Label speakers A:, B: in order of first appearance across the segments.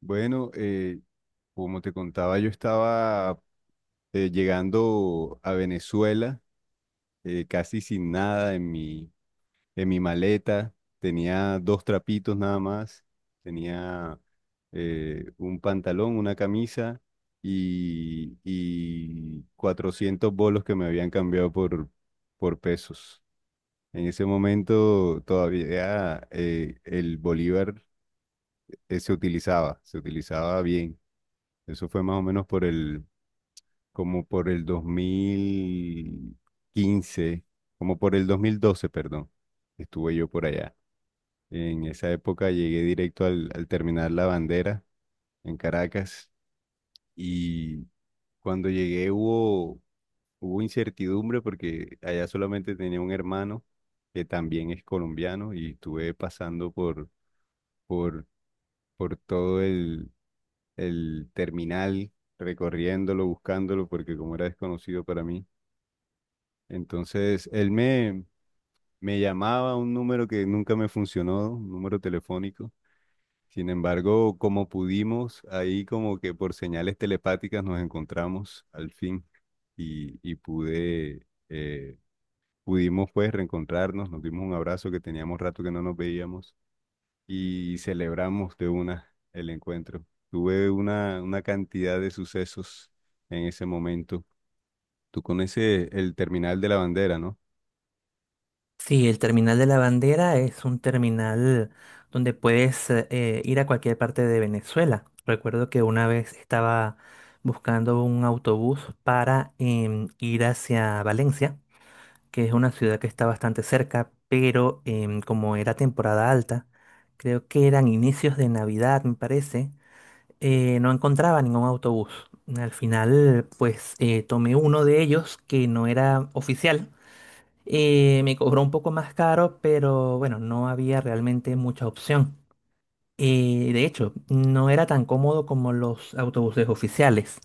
A: Bueno, como te contaba, yo estaba llegando a Venezuela, casi sin nada en mi maleta. Tenía dos trapitos nada más. Tenía un pantalón, una camisa y 400 bolos que me habían cambiado por pesos. En ese momento todavía el bolívar se utilizaba bien. Eso fue más o menos como por el 2015, como por el 2012, perdón. Estuve yo por allá. En esa época llegué directo al terminar La Bandera en Caracas y cuando llegué hubo incertidumbre, porque allá solamente tenía un hermano que también es colombiano y estuve pasando por, por todo el terminal, recorriéndolo, buscándolo, porque como era desconocido para mí. Entonces, él me llamaba a un número que nunca me funcionó, un número telefónico. Sin embargo, como pudimos, ahí como que por señales telepáticas nos encontramos al fin y pudimos pues reencontrarnos, nos dimos un abrazo que teníamos rato que no nos veíamos y celebramos de una el encuentro. Tuve una cantidad de sucesos en ese momento. Tú conoces el terminal de La Bandera, ¿no?
B: Sí, el terminal de la bandera es un terminal donde puedes ir a cualquier parte de Venezuela. Recuerdo que una vez estaba buscando un autobús para ir hacia Valencia, que es una ciudad que está bastante cerca, pero como era temporada alta, creo que eran inicios de Navidad, me parece, no encontraba ningún autobús. Al final, pues tomé uno de ellos que no era oficial me cobró un poco más caro, pero bueno, no había realmente mucha opción. De hecho, no era tan cómodo como los autobuses oficiales.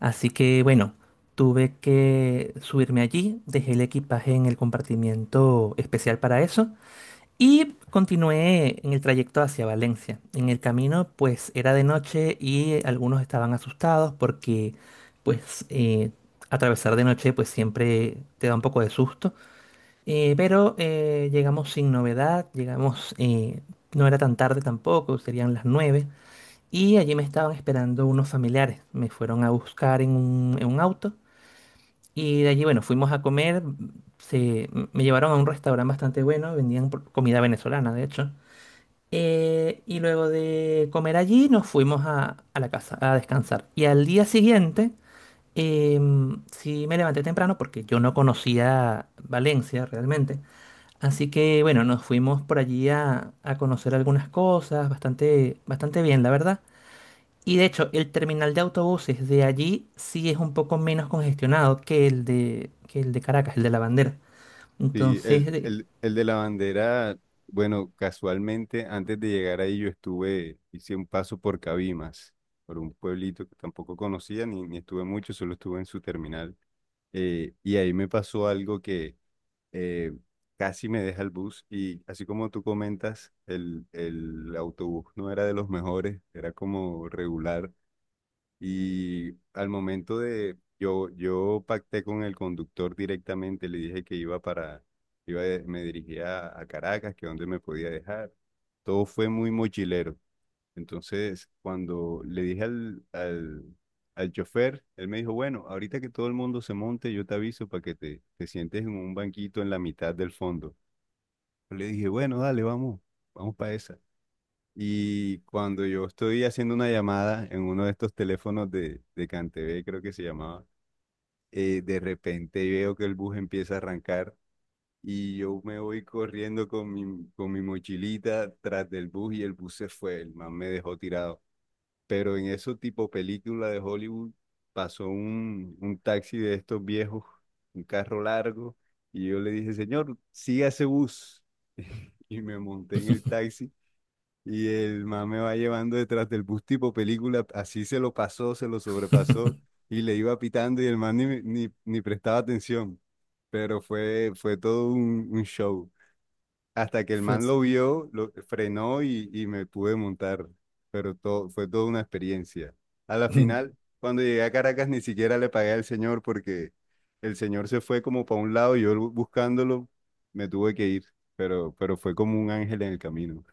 B: Así que bueno, tuve que subirme allí, dejé el equipaje en el compartimiento especial para eso y continué en el trayecto hacia Valencia. En el camino pues era de noche y algunos estaban asustados porque pues eh, atravesar de noche pues siempre te da un poco de susto. Pero llegamos sin novedad, llegamos, no era tan tarde tampoco, serían las 9 y allí me estaban esperando unos familiares, me fueron a buscar en un auto, y de allí, bueno, fuimos a comer, me llevaron a un restaurante bastante bueno, vendían comida venezolana, de hecho, y luego de comer allí nos fuimos a la casa a descansar, y al día siguiente... sí me levanté temprano porque yo no conocía Valencia realmente. Así que bueno, nos fuimos por allí a conocer algunas cosas, bastante bien, la verdad. Y de hecho, el terminal de autobuses de allí sí es un poco menos congestionado que que el de Caracas, el de La Bandera.
A: Sí,
B: Entonces,
A: el, el, el de La Bandera. Bueno, casualmente antes de llegar ahí hice un paso por Cabimas, por un pueblito que tampoco conocía ni estuve mucho, solo estuve en su terminal. Y ahí me pasó algo que, eh, casi me deja el bus. Y así como tú comentas, el autobús no era de los mejores, era como regular, y yo pacté con el conductor directamente, le dije que iba para, iba, de- me dirigía a Caracas, que donde me podía dejar. Todo fue muy mochilero. Entonces, cuando le dije al chofer, él me dijo, bueno, ahorita que todo el mundo se monte, yo te aviso para que te sientes en un banquito en la mitad del fondo. Yo le dije, bueno, dale, vamos, vamos para esa. Y cuando yo estoy haciendo una llamada en uno de estos teléfonos de CanTV, creo que se llamaba, de repente veo que el bus empieza a arrancar y yo me voy corriendo con mi mochilita tras del bus, y el bus se fue, el man me dejó tirado. Pero en eso, tipo película de Hollywood, pasó un taxi de estos viejos, un carro largo, y yo le dije, señor, siga ese bus. Y me monté en el taxi y el man me va llevando detrás del bus tipo película, así se lo pasó, se lo sobrepasó y le iba pitando, y el man ni prestaba atención, pero fue todo un show. Hasta que el
B: fue,
A: man lo vio, lo frenó y me pude montar. Pero fue toda una experiencia. A la final, cuando llegué a Caracas, ni siquiera le pagué al señor, porque el señor se fue como para un lado y yo buscándolo, me tuve que ir. Pero fue como un ángel en el camino,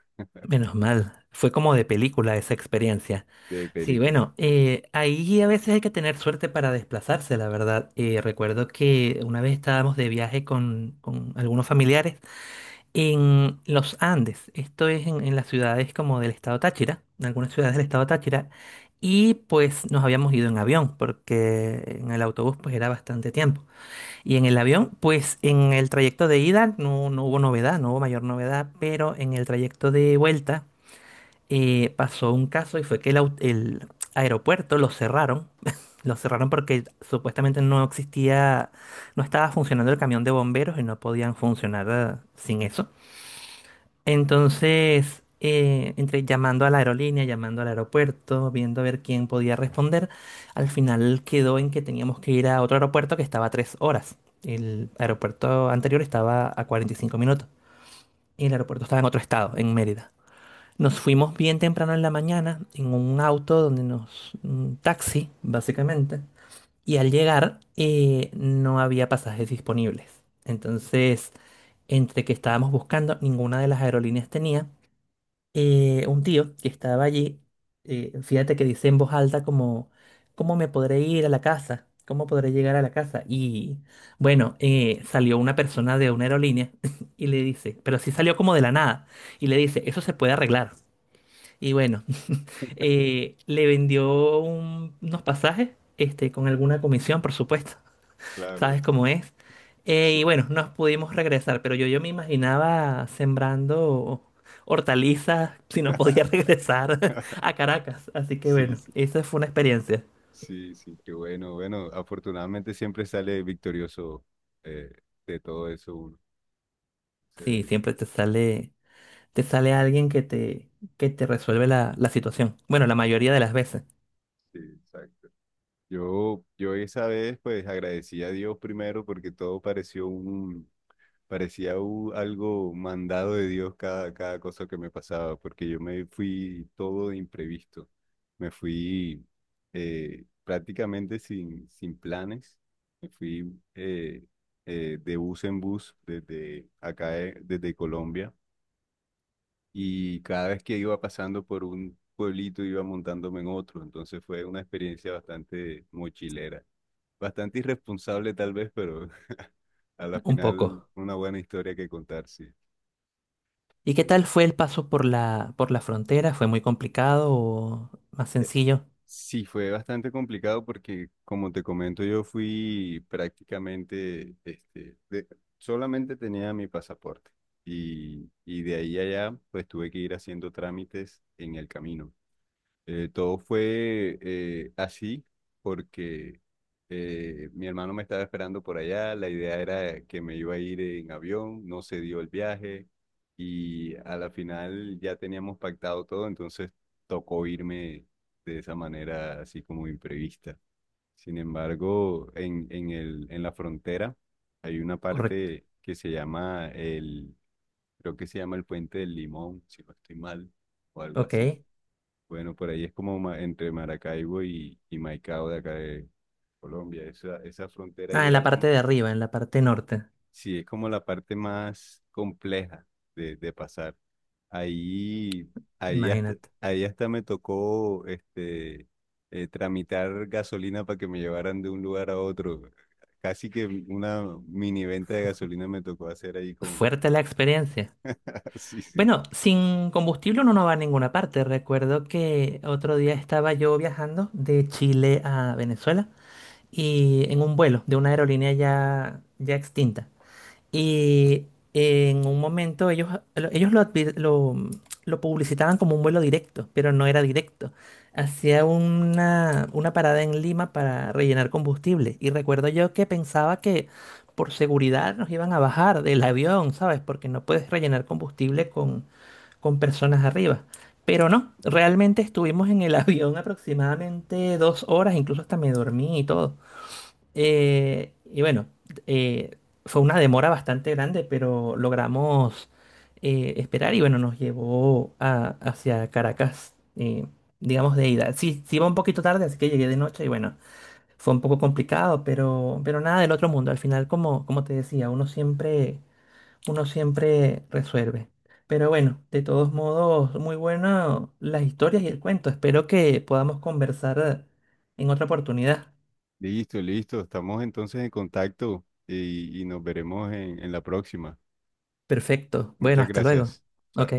B: menos mal, fue como de película esa experiencia.
A: de
B: Sí,
A: película.
B: bueno, ahí a veces hay que tener suerte para desplazarse, la verdad. Recuerdo que una vez estábamos de viaje con algunos familiares. En los Andes, esto es en las ciudades como del estado Táchira, en algunas ciudades del estado Táchira, y pues nos habíamos ido en avión, porque en el autobús pues era bastante tiempo. Y en el avión, pues en el trayecto de ida no hubo novedad, no hubo mayor novedad, pero en el trayecto de vuelta pasó un caso y fue que el aeropuerto lo cerraron, lo cerraron porque supuestamente no existía, no estaba funcionando el camión de bomberos y no podían funcionar sin eso. Entonces, entre llamando a la aerolínea, llamando al aeropuerto, viendo a ver quién podía responder, al final quedó en que teníamos que ir a otro aeropuerto que estaba a 3 horas. El aeropuerto anterior estaba a 45 minutos y el aeropuerto estaba en otro estado, en Mérida. Nos fuimos bien temprano en la mañana en un auto donde nos... un taxi, básicamente. Y al llegar no había pasajes disponibles. Entonces, entre que estábamos buscando, ninguna de las aerolíneas tenía un tío que estaba allí, fíjate que dice en voz alta como, ¿cómo me podré ir a la casa? ¿Cómo podré llegar a la casa? Y bueno, salió una persona de una aerolínea y le dice, pero sí salió como de la nada, y le dice, eso se puede arreglar. Y bueno, le vendió unos pasajes, este, con alguna comisión, por supuesto.
A: Claro,
B: ¿Sabes cómo es? Y
A: sí.
B: bueno, nos pudimos regresar, pero yo me imaginaba sembrando hortalizas si no podía regresar a Caracas. Así que
A: Sí,
B: bueno,
A: sí,
B: esa fue una experiencia.
A: sí, sí, qué bueno. Bueno, afortunadamente siempre sale victorioso, eh, de todo eso, uno.
B: Sí,
A: Sí,
B: siempre te sale alguien que te resuelve la, la situación. Bueno, la mayoría de las veces,
A: sí, exacto. Yo esa vez pues agradecí a Dios primero, porque todo parecía algo mandado de Dios, cada cosa que me pasaba, porque yo me fui todo de imprevisto. Me fui, prácticamente sin planes. Me fui, de bus en bus desde acá, desde Colombia. Y cada vez que iba pasando por un pueblito, iba montándome en otro. Entonces fue una experiencia bastante mochilera. Bastante irresponsable tal vez, pero a la
B: un
A: final,
B: poco.
A: una buena historia que contar, sí.
B: ¿Y qué
A: Eh,
B: tal fue el paso por por la frontera? ¿Fue muy complicado o más sencillo?
A: Sí, fue bastante complicado, porque, como te comento, yo fui prácticamente, solamente tenía mi pasaporte, y de ahí a allá, pues tuve que ir haciendo trámites en el camino. Todo fue, así, porque mi hermano me estaba esperando por allá, la idea era que me iba a ir en avión, no se dio el viaje y a la final ya teníamos pactado todo, entonces tocó irme de esa manera, así como imprevista. Sin embargo, en, en la frontera hay una
B: Correcto.
A: parte que creo que se llama el Puente del Limón, si no estoy mal, o algo así.
B: Ok.
A: Bueno, por ahí es como entre Maracaibo y Maicao, de acá de Colombia. Esa frontera
B: Ah,
A: ahí
B: en la
A: era
B: parte
A: como,
B: de arriba, en la parte norte,
A: sí, es como la parte más compleja de pasar. Ahí, ahí hasta,
B: imagínate.
A: ahí hasta me tocó, tramitar gasolina para que me llevaran de un lugar a otro. Casi que una mini venta de gasolina me tocó hacer ahí con.
B: Fuerte la experiencia.
A: Sí, sí.
B: Bueno, sin combustible uno no va a ninguna parte. Recuerdo que otro día estaba yo viajando de Chile a Venezuela y en un vuelo de una aerolínea ya extinta. Y en un momento ellos lo, advi- lo publicitaban como un vuelo directo, pero no era directo. Hacía una parada en Lima para rellenar combustible. Y recuerdo yo que pensaba que por seguridad nos iban a bajar del avión, ¿sabes? Porque no puedes rellenar combustible con personas arriba. Pero no, realmente estuvimos en el avión aproximadamente 2 horas, incluso hasta me dormí y todo. Eh, y bueno, eh, Fue una demora bastante grande, pero logramos esperar y bueno, nos llevó hacia Caracas, digamos de ida. Sí, sí iba un poquito tarde, así que llegué de noche y bueno, fue un poco complicado, pero nada del otro mundo. Al final, como te decía, uno siempre resuelve. Pero bueno, de todos modos, muy bueno las historias y el cuento. Espero que podamos conversar en otra oportunidad.
A: Listo, listo. Estamos entonces en contacto y nos veremos en la próxima.
B: Perfecto. Bueno,
A: Muchas
B: hasta luego.
A: gracias.
B: Ok.
A: Chao.